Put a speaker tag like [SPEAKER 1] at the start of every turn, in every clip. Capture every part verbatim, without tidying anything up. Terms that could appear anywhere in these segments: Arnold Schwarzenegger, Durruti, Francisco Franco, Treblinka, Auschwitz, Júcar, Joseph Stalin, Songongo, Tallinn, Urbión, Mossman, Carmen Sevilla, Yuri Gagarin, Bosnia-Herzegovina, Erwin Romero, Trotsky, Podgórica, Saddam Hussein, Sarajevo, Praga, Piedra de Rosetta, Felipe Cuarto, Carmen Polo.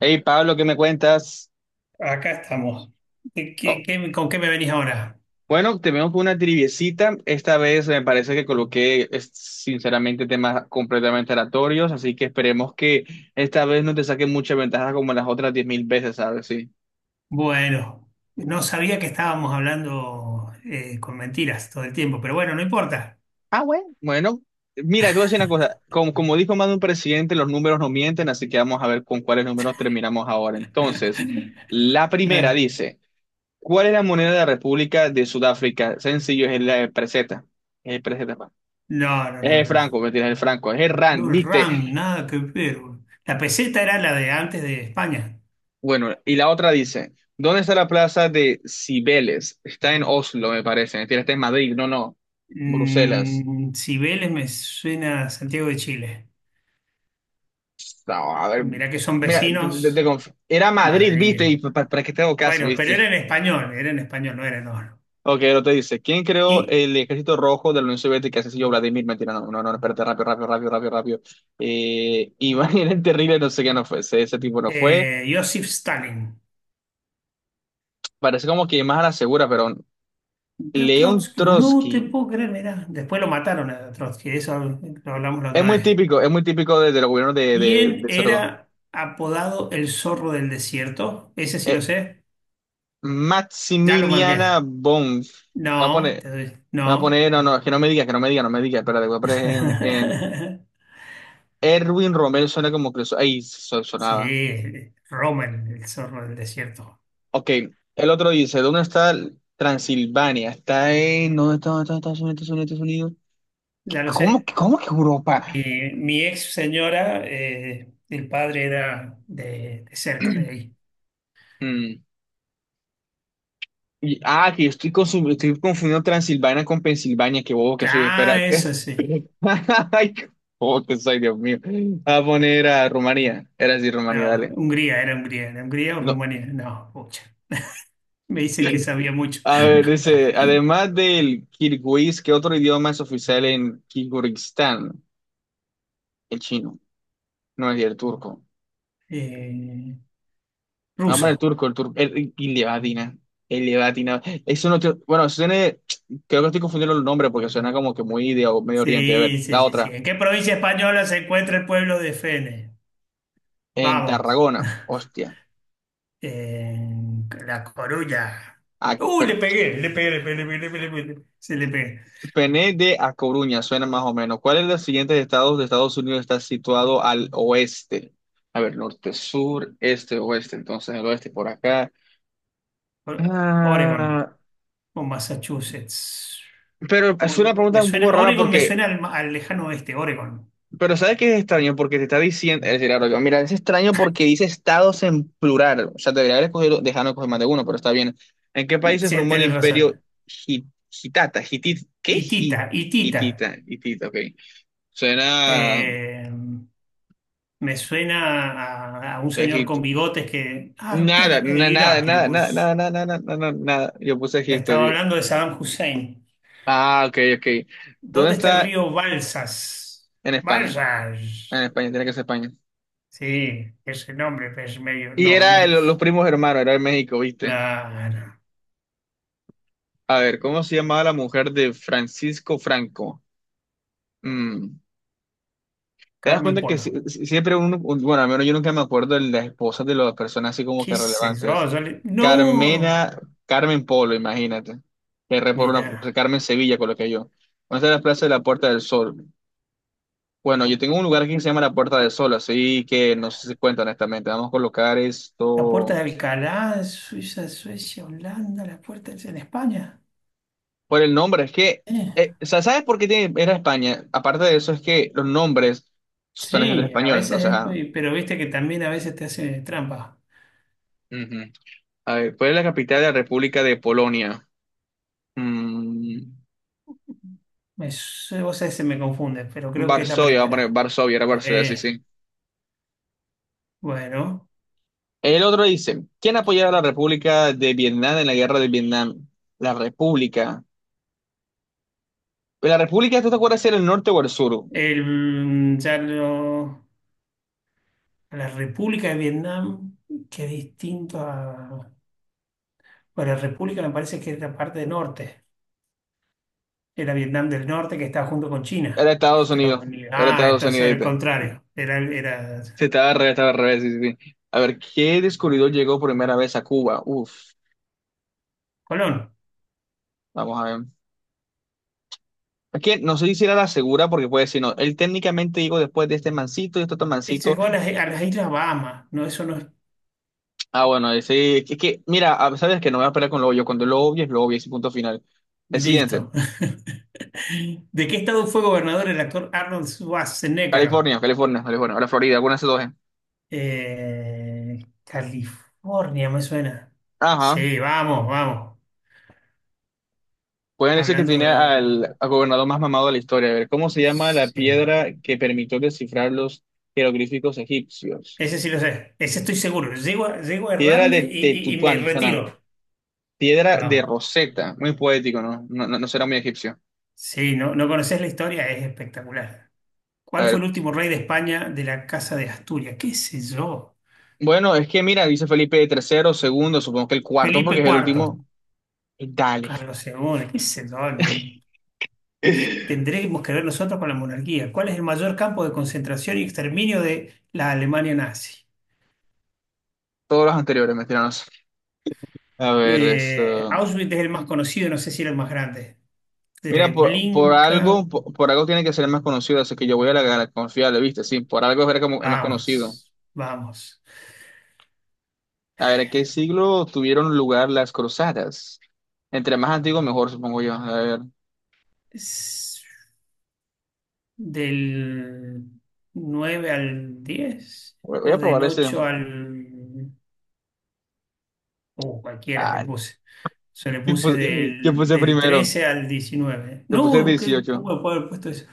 [SPEAKER 1] Hey Pablo, ¿qué me cuentas?
[SPEAKER 2] Acá estamos. ¿De qué-
[SPEAKER 1] Oh,
[SPEAKER 2] qué- Con qué me venís ahora?
[SPEAKER 1] bueno, tenemos una triviecita. Esta vez me parece que coloqué, es- sinceramente, temas completamente aleatorios, así que esperemos que esta vez no te saque mucha ventaja como las otras diez mil veces, ¿sabes? Sí.
[SPEAKER 2] Bueno, no sabía que estábamos hablando eh, con mentiras todo el tiempo, pero bueno, no importa.
[SPEAKER 1] Ah, bueno. Bueno, mira, te voy a decir una cosa. Como, como dijo más de un presidente, los números no mienten, así que vamos a ver con cuáles números terminamos ahora. Entonces, la primera
[SPEAKER 2] Claro.
[SPEAKER 1] dice, ¿cuál es la moneda de la República de Sudáfrica? Sencillo, es la peseta. Es peseta.
[SPEAKER 2] No, no,
[SPEAKER 1] Es el
[SPEAKER 2] no.
[SPEAKER 1] Franco, mentira, es el Franco, es el Rand,
[SPEAKER 2] No el
[SPEAKER 1] viste.
[SPEAKER 2] RAM, nada que ver. La peseta era la de antes de España.
[SPEAKER 1] Bueno, y la otra dice, ¿dónde está la plaza de Cibeles? Está en Oslo, me parece, mentira, está en Madrid, no, no, Bruselas.
[SPEAKER 2] Mm, Cibeles me suena a Santiago de Chile.
[SPEAKER 1] No, a ver,
[SPEAKER 2] Mirá que son
[SPEAKER 1] mira, te- te- te
[SPEAKER 2] vecinos,
[SPEAKER 1] conf- era Madrid, viste,
[SPEAKER 2] Madrid.
[SPEAKER 1] y pa- pa- para que te hago caso,
[SPEAKER 2] Bueno, pero
[SPEAKER 1] viste.
[SPEAKER 2] era en español, era en español, no era en oro.
[SPEAKER 1] Ok, lo te dice, ¿quién creó
[SPEAKER 2] Y
[SPEAKER 1] el ejército rojo de la Unión Soviética? Ese sí, yo, Vladimir, mentira, no, no, no, espérate, rápido, rápido, rápido, rápido, rápido. Eh, Iván era el terrible, no sé qué no fue, ese, ese tipo no fue.
[SPEAKER 2] eh, Joseph Stalin.
[SPEAKER 1] Parece como que más a la segura, pero.
[SPEAKER 2] Yo a
[SPEAKER 1] León
[SPEAKER 2] Trotsky, no te
[SPEAKER 1] Trotsky.
[SPEAKER 2] puedo creer, mirá. Después lo mataron a Trotsky, eso lo hablamos la
[SPEAKER 1] Es
[SPEAKER 2] otra
[SPEAKER 1] muy
[SPEAKER 2] vez.
[SPEAKER 1] típico, es muy típico de, de los gobiernos de,
[SPEAKER 2] Y
[SPEAKER 1] de,
[SPEAKER 2] él
[SPEAKER 1] de Sarko.
[SPEAKER 2] era apodado el zorro del desierto, ese sí lo
[SPEAKER 1] Eh,
[SPEAKER 2] sé, ya lo
[SPEAKER 1] Maximiliana
[SPEAKER 2] marqué.
[SPEAKER 1] Bonf. Voy a
[SPEAKER 2] No,
[SPEAKER 1] poner,
[SPEAKER 2] te doy-
[SPEAKER 1] voy a
[SPEAKER 2] no.
[SPEAKER 1] poner, no, no, que no me digas, que no me digas, no me digas, espérate, voy a poner en, en Erwin Romero, suena como que eso, ahí so- sonaba.
[SPEAKER 2] Sí, Roma, el, el zorro del desierto,
[SPEAKER 1] Ok, el otro dice, ¿dónde está Transilvania? Está en, ¿dónde está, dónde está- Estados Unidos, Estados Unidos, ¿Estados Unidos?
[SPEAKER 2] ya lo
[SPEAKER 1] ¿Cómo,
[SPEAKER 2] sé.
[SPEAKER 1] que- cómo que
[SPEAKER 2] Mi,
[SPEAKER 1] Europa?
[SPEAKER 2] mi ex señora, eh, el padre era de, de cerca de ahí.
[SPEAKER 1] Mm. Y, ah, que estoy, consu- estoy confundiendo Transilvania con Pensilvania, qué bobo que soy,
[SPEAKER 2] Ah,
[SPEAKER 1] espera.
[SPEAKER 2] eso sí.
[SPEAKER 1] Ay, ¿cómo que soy, Dios mío? A poner a Rumanía. Era así, Rumanía,
[SPEAKER 2] No,
[SPEAKER 1] dale.
[SPEAKER 2] Hungría, era Hungría, era Hungría o
[SPEAKER 1] No.
[SPEAKER 2] Rumanía, no, pucha. Me dice que sabía mucho.
[SPEAKER 1] A ver, dice, además del kirguís, ¿qué otro idioma es oficial en Kirguistán? El chino, no es el turco.
[SPEAKER 2] Eh,
[SPEAKER 1] Vamos a el
[SPEAKER 2] Ruso.
[SPEAKER 1] turco, el turco, el, y le va a atinar, el le va a atinar. Eso no, tiene- bueno, eso tiene, creo que estoy confundiendo los nombres porque suena como que muy de o- Medio Oriente. A ver,
[SPEAKER 2] Sí, sí,
[SPEAKER 1] la
[SPEAKER 2] sí, sí.
[SPEAKER 1] otra,
[SPEAKER 2] ¿En qué provincia española se encuentra el pueblo de Fene?
[SPEAKER 1] en
[SPEAKER 2] Vamos.
[SPEAKER 1] Tarragona, hostia.
[SPEAKER 2] En La Coruña.
[SPEAKER 1] Ah,
[SPEAKER 2] Uh, le pegué, le pegué, le pegué, le pegué, le pegué, le pegué. Sí, le pegué.
[SPEAKER 1] Pené de A Coruña, suena más o menos. ¿Cuál es de los siguientes estados de Estados Unidos está situado al oeste? A ver, norte, sur, este, oeste. Entonces, el oeste por acá.
[SPEAKER 2] O- Oregon
[SPEAKER 1] Ah,
[SPEAKER 2] o Massachusetts.
[SPEAKER 1] pero es una
[SPEAKER 2] Oregon me
[SPEAKER 1] pregunta un poco
[SPEAKER 2] suena,
[SPEAKER 1] rara
[SPEAKER 2] Oregon me
[SPEAKER 1] porque,
[SPEAKER 2] suena al, ma- al lejano oeste, Oregon.
[SPEAKER 1] pero ¿sabes qué es extraño? Porque te está diciendo, es decir, ahora yo, mira, es extraño porque dice estados en plural. O sea, debería haber escogido, dejarnos escoger más de uno, pero está bien. ¿En qué país se
[SPEAKER 2] Sí,
[SPEAKER 1] formó el
[SPEAKER 2] tenés razón.
[SPEAKER 1] imperio Hit- Hitata? Hitit, ¿qué?
[SPEAKER 2] Itita,
[SPEAKER 1] Hit-
[SPEAKER 2] Itita.
[SPEAKER 1] Hitita, Hitita, ok. Suena.
[SPEAKER 2] Eh, Me suena a, a un señor con
[SPEAKER 1] Egipto.
[SPEAKER 2] bigotes que. Ah,
[SPEAKER 1] Nada,
[SPEAKER 2] mire, mire,
[SPEAKER 1] na- nada,
[SPEAKER 2] Irak, le
[SPEAKER 1] nada, nada,
[SPEAKER 2] pus.
[SPEAKER 1] nada, nada, nada, nada, nada. Yo puse Egipto.
[SPEAKER 2] Estaba
[SPEAKER 1] y-
[SPEAKER 2] hablando de Saddam Hussein.
[SPEAKER 1] Ah, ok, ok. ¿Dónde
[SPEAKER 2] ¿Dónde está el
[SPEAKER 1] está?
[SPEAKER 2] río Balsas?
[SPEAKER 1] En España. En
[SPEAKER 2] Balsas.
[SPEAKER 1] España, tiene que ser España.
[SPEAKER 2] Sí, ese nombre, pues medio.
[SPEAKER 1] Y
[SPEAKER 2] No,
[SPEAKER 1] era
[SPEAKER 2] me.
[SPEAKER 1] el- los primos hermanos, era de México, ¿viste?
[SPEAKER 2] La.
[SPEAKER 1] A ver, ¿cómo se llamaba la mujer de Francisco Franco? Mm, ¿Te das
[SPEAKER 2] Carmen
[SPEAKER 1] cuenta que
[SPEAKER 2] Polo.
[SPEAKER 1] si- si- siempre uno, un- bueno, al menos yo nunca me acuerdo de las esposas de las personas así como que
[SPEAKER 2] ¿Qué sé yo?
[SPEAKER 1] relevantes?
[SPEAKER 2] yo le- No.
[SPEAKER 1] Carmena, Carmen Polo, imagínate. Que re por una,
[SPEAKER 2] Mira.
[SPEAKER 1] Carmen Sevilla, coloqué yo. ¿Dónde está la Plaza de la Puerta del Sol? Bueno, yo tengo un lugar aquí que se llama la Puerta del Sol, así que no sé si cuenta honestamente. Vamos a colocar
[SPEAKER 2] La puerta de
[SPEAKER 1] esto
[SPEAKER 2] Alcalá, Suiza, Suecia, Holanda, la puerta es en España.
[SPEAKER 1] por el nombre. Es que,
[SPEAKER 2] Eh,
[SPEAKER 1] eh, o sea, ¿sabes por qué tiene- era España? Aparte de eso, es que los nombres son escritos en
[SPEAKER 2] Sí, a
[SPEAKER 1] español,
[SPEAKER 2] veces
[SPEAKER 1] entonces,
[SPEAKER 2] es
[SPEAKER 1] ah,
[SPEAKER 2] muy. Pero viste que también a veces te hace trampa.
[SPEAKER 1] Ujú. A ver, ¿cuál es la capital de la República de Polonia? Mm,
[SPEAKER 2] Me, su- vos sabés, se me confunde, pero creo que es la
[SPEAKER 1] Varsovia, vamos a poner
[SPEAKER 2] primera.
[SPEAKER 1] Varsovia, era Varsovia, sí,
[SPEAKER 2] Eh,
[SPEAKER 1] sí.
[SPEAKER 2] bueno,
[SPEAKER 1] El otro dice, ¿quién apoyaba a la República de Vietnam en la guerra de Vietnam? La República. Pues ¿La República, tú te acuerdas si era el norte o el sur?
[SPEAKER 2] el, mm, ya lo- la República de Vietnam, que es distinto a... Bueno, la República me parece que es la parte del norte, era Vietnam del norte que está junto con
[SPEAKER 1] Era
[SPEAKER 2] China,
[SPEAKER 1] Estados
[SPEAKER 2] Estados
[SPEAKER 1] Unidos,
[SPEAKER 2] Unidos.
[SPEAKER 1] era
[SPEAKER 2] Ah,
[SPEAKER 1] Estados
[SPEAKER 2] entonces
[SPEAKER 1] Unidos,
[SPEAKER 2] era el
[SPEAKER 1] ¿viste?
[SPEAKER 2] contrario, era, era
[SPEAKER 1] Sí, estaba al revés, estaba al revés, sí, sí, sí. A ver, ¿qué descubridor llegó primera vez a Cuba? Uf,
[SPEAKER 2] Colón.
[SPEAKER 1] vamos a ver. Es que no sé si era la segura, porque puede decir, no, él técnicamente llegó después de este mancito y este otro
[SPEAKER 2] Este
[SPEAKER 1] mancito.
[SPEAKER 2] llegó a las, a las Islas Bahamas, no, eso no es
[SPEAKER 1] Ah, bueno, ese, es que, mira, a- sabes que no me voy a esperar con lo obvio, cuando lo obvio es lo obvio, ese punto final. El siguiente,
[SPEAKER 2] listo. ¿De qué estado fue gobernador el actor Arnold Schwarzenegger?
[SPEAKER 1] California, California, California, ahora Florida, alguna de esas dos. eh.
[SPEAKER 2] Eh, California me suena.
[SPEAKER 1] Ajá.
[SPEAKER 2] Sí, vamos, vamos.
[SPEAKER 1] Pueden decir que tiene
[SPEAKER 2] Hablando.
[SPEAKER 1] al, al gobernador más mamado de la historia. A ver, ¿cómo se llama la
[SPEAKER 2] Sí.
[SPEAKER 1] piedra que permitió descifrar los jeroglíficos egipcios?
[SPEAKER 2] Ese sí lo sé. Ese estoy seguro. Llego a, llego a
[SPEAKER 1] Piedra
[SPEAKER 2] errarle
[SPEAKER 1] de
[SPEAKER 2] y, y- y me
[SPEAKER 1] Tetutuán, suena.
[SPEAKER 2] retiro.
[SPEAKER 1] Piedra de
[SPEAKER 2] Vamos.
[SPEAKER 1] Rosetta. Muy poético, ¿no? No, no, no será muy egipcio.
[SPEAKER 2] Sí, no, no conoces la historia, es espectacular.
[SPEAKER 1] A
[SPEAKER 2] ¿Cuál fue
[SPEAKER 1] ver,
[SPEAKER 2] el último rey de España de la Casa de Asturias? ¿Qué sé yo?
[SPEAKER 1] bueno, es que mira, dice Felipe tercero, segundo, supongo que el cuarto, porque
[SPEAKER 2] Felipe
[SPEAKER 1] es el
[SPEAKER 2] Cuarto,
[SPEAKER 1] último. Dale.
[SPEAKER 2] Carlos segundo, qué sé yo. ni- Tendremos que ver nosotros con la monarquía. ¿Cuál es el mayor campo de concentración y exterminio de la Alemania nazi?
[SPEAKER 1] Todos los anteriores, me tiranos. A ver,
[SPEAKER 2] Eh,
[SPEAKER 1] esto.
[SPEAKER 2] Auschwitz es el más conocido, no sé si era el más grande.
[SPEAKER 1] Mira, por, por
[SPEAKER 2] Treblinka,
[SPEAKER 1] algo, por, por algo tiene que ser más conocido, así que yo voy a la, a la confiable, ¿viste? Sí, por algo es ver como- es más conocido.
[SPEAKER 2] vamos, vamos.
[SPEAKER 1] A ver, ¿en qué siglo tuvieron lugar las cruzadas? Entre más antiguo, mejor, supongo yo. A ver,
[SPEAKER 2] Es del nueve al diez
[SPEAKER 1] voy voy
[SPEAKER 2] o
[SPEAKER 1] a
[SPEAKER 2] del
[SPEAKER 1] probar ese.
[SPEAKER 2] ocho al... O cualquiera le
[SPEAKER 1] Ah,
[SPEAKER 2] puse. Se le
[SPEAKER 1] ¿qué
[SPEAKER 2] puse
[SPEAKER 1] puse, qué
[SPEAKER 2] del,
[SPEAKER 1] puse
[SPEAKER 2] del
[SPEAKER 1] primero?
[SPEAKER 2] trece al diecinueve.
[SPEAKER 1] ¿Te puse
[SPEAKER 2] No, ¿qué-
[SPEAKER 1] dieciocho?
[SPEAKER 2] ¿cómo le puedo haber puesto eso?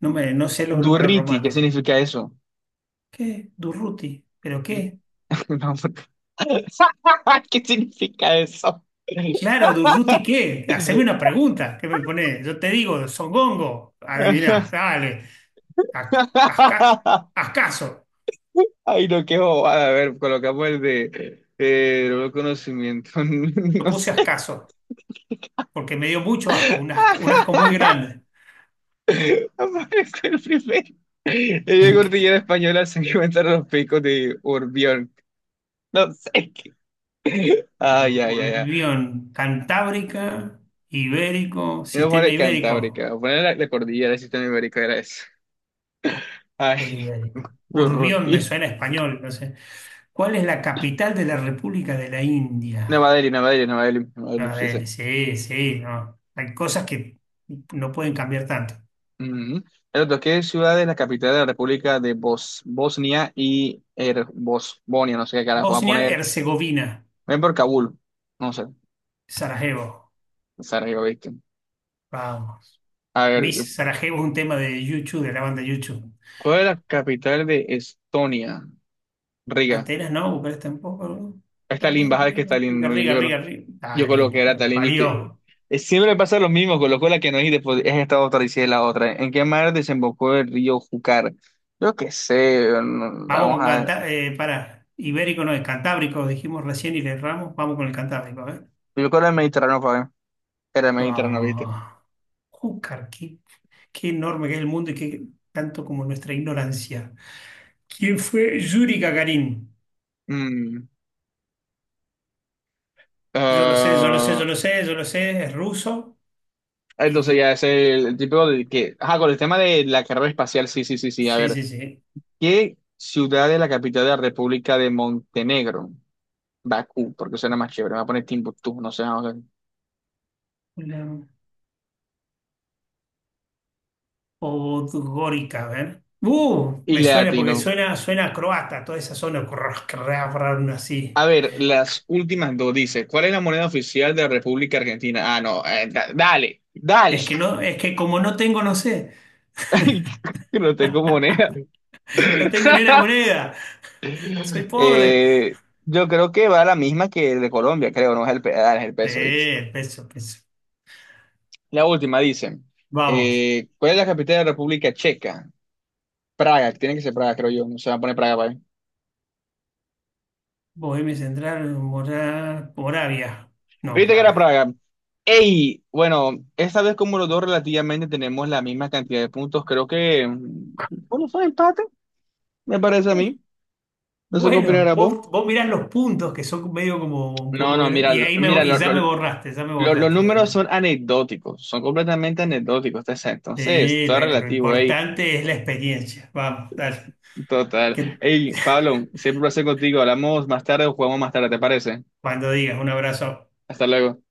[SPEAKER 2] No, me, no sé los números
[SPEAKER 1] Durriti, ¿qué
[SPEAKER 2] romanos.
[SPEAKER 1] significa eso?
[SPEAKER 2] ¿Qué? Durruti. ¿Pero qué?
[SPEAKER 1] No, porque- ¿qué significa eso?
[SPEAKER 2] Claro, Durruti, ¿qué? Haceme una pregunta. ¿Qué me pone? Yo te digo, Songongo. Adiviná, dale. Ac- asca- Ascaso.
[SPEAKER 1] Ay, no, qué bobada. A ver, colocamos el de eh, nuevo conocimiento.
[SPEAKER 2] Lo
[SPEAKER 1] No
[SPEAKER 2] puse
[SPEAKER 1] sé.
[SPEAKER 2] ascaso, porque me dio mucho asco, un asco, un asco muy grande.
[SPEAKER 1] Aparece el primero. En la cordillera española se encuentran los picos de Urbión. No sé qué.
[SPEAKER 2] Ur-
[SPEAKER 1] Ay, ya, ya, ay.
[SPEAKER 2] Urbión, Cantábrica, Ibérico,
[SPEAKER 1] Voy a
[SPEAKER 2] sistema
[SPEAKER 1] poner Cantábrica.
[SPEAKER 2] ibérico.
[SPEAKER 1] Voy a poner la, la cordillera del sistema ibérico. Era eso.
[SPEAKER 2] ¿Qué es
[SPEAKER 1] Ay,
[SPEAKER 2] ibérico? Urbión me
[SPEAKER 1] Gurruti.
[SPEAKER 2] suena a español, no sé. ¿Cuál es la capital de la República de la
[SPEAKER 1] Nueva
[SPEAKER 2] India?
[SPEAKER 1] Delhi, Nueva Delhi, Nueva Delhi. Nueva Delhi,
[SPEAKER 2] A
[SPEAKER 1] sí, sí.
[SPEAKER 2] ver, sí, sí, no. Hay cosas que no pueden cambiar tanto.
[SPEAKER 1] Ujú. El otro, ¿qué ciudad es la capital de la República de Bos Bosnia y Her- Bosnia? No sé qué carajo. Voy a poner.
[SPEAKER 2] Bosnia-Herzegovina,
[SPEAKER 1] Ven por Kabul. No sé.
[SPEAKER 2] Sarajevo.
[SPEAKER 1] Sarajevo, ¿viste?
[SPEAKER 2] Vamos.
[SPEAKER 1] A ver,
[SPEAKER 2] Miss Sarajevo es un tema de YouTube, de la banda YouTube.
[SPEAKER 1] ¿cuál es la capital de Estonia? Riga.
[SPEAKER 2] Atenas no, Bucarest tampoco. ¿No?
[SPEAKER 1] Stalin,
[SPEAKER 2] Tallinn,
[SPEAKER 1] baja de que
[SPEAKER 2] Riga,
[SPEAKER 1] Stalin,
[SPEAKER 2] Riga,
[SPEAKER 1] no,
[SPEAKER 2] Riga,
[SPEAKER 1] yo, creo-
[SPEAKER 2] Riga. Riga.
[SPEAKER 1] yo coloqué
[SPEAKER 2] Tallinn,
[SPEAKER 1] que era
[SPEAKER 2] que lo
[SPEAKER 1] Stalin, viste.
[SPEAKER 2] parió.
[SPEAKER 1] Eh, Siempre pasa lo mismo, colocó la que no es y después es esta otra y si es la otra. ¿En qué mar desembocó el río Júcar? Yo qué sé, no-
[SPEAKER 2] Vamos
[SPEAKER 1] vamos
[SPEAKER 2] con
[SPEAKER 1] a ver.
[SPEAKER 2] Canta, eh, para. Ibérico no es Cantábrico, dijimos recién y le erramos. Vamos con el Cantábrico, a ver.
[SPEAKER 1] Yo creo que era el Mediterráneo, fue. Era el Mediterráneo, viste.
[SPEAKER 2] Ah, Júcar, qué, qué enorme que es el mundo y qué tanto como nuestra ignorancia. ¿Quién fue Yuri Gagarin?
[SPEAKER 1] Mm,
[SPEAKER 2] Yo lo sé, yo lo sé, yo
[SPEAKER 1] ah,
[SPEAKER 2] lo sé, yo lo sé, es ruso
[SPEAKER 1] entonces
[SPEAKER 2] y
[SPEAKER 1] ya es el, el tipo de que. Ajá, con el tema de la carrera espacial, sí, sí, sí, sí. A
[SPEAKER 2] sí,
[SPEAKER 1] ver,
[SPEAKER 2] sí, sí.
[SPEAKER 1] ¿qué ciudad es la capital de la República de Montenegro? Bakú, porque suena más chévere. Me va a poner Timbuktu, no sé.
[SPEAKER 2] Una podgórica, a ver. Uh,
[SPEAKER 1] Y
[SPEAKER 2] me
[SPEAKER 1] le
[SPEAKER 2] suena porque
[SPEAKER 1] atino.
[SPEAKER 2] suena, suena a croata, toda esa zona, crrr, crrr, crrr, así.
[SPEAKER 1] A ver, las últimas dos dice, ¿cuál es la moneda oficial de la República Argentina? Ah, no, eh, da- dale, dale.
[SPEAKER 2] Es que no, es que como no tengo, no sé.
[SPEAKER 1] Ay, no tengo moneda.
[SPEAKER 2] No tengo ni una moneda. Soy pobre.
[SPEAKER 1] Eh, yo creo que va la misma que el de Colombia, creo, no es el, pe- ah, es el peso, ¿viste?
[SPEAKER 2] Sí, peso, peso.
[SPEAKER 1] La última dice,
[SPEAKER 2] Vamos.
[SPEAKER 1] eh, ¿cuál es la capital de la República Checa? Praga, tiene que ser Praga, creo yo, no se va a poner Praga, ¿vale?
[SPEAKER 2] Bohemia Central, Mora- Moravia. No,
[SPEAKER 1] Viste que era
[SPEAKER 2] Praga.
[SPEAKER 1] Praga. Ey, bueno, esta vez como los dos relativamente tenemos la misma cantidad de puntos, creo que mm, ¿cómo fue el empate? Me parece a mí. No sé qué
[SPEAKER 2] Bueno,
[SPEAKER 1] opinarás vos.
[SPEAKER 2] vos, vos mirás los puntos que son medio como un
[SPEAKER 1] No,
[SPEAKER 2] poco.
[SPEAKER 1] no, mira,
[SPEAKER 2] Y
[SPEAKER 1] lo-
[SPEAKER 2] ahí
[SPEAKER 1] mira,
[SPEAKER 2] me, y
[SPEAKER 1] lo-
[SPEAKER 2] ya me
[SPEAKER 1] lo-
[SPEAKER 2] borraste, ya me
[SPEAKER 1] lo- los
[SPEAKER 2] borraste.
[SPEAKER 1] números son anecdóticos, son completamente anecdóticos. Te Entonces,
[SPEAKER 2] Sí,
[SPEAKER 1] todo
[SPEAKER 2] lo,
[SPEAKER 1] es
[SPEAKER 2] lo
[SPEAKER 1] relativo, ey,
[SPEAKER 2] importante es la experiencia. Vamos, dale.
[SPEAKER 1] total.
[SPEAKER 2] Que
[SPEAKER 1] Ey, Pablo, siempre un placer contigo. Hablamos más tarde o jugamos más tarde, ¿te parece?
[SPEAKER 2] cuando digas, un abrazo.
[SPEAKER 1] Hasta luego.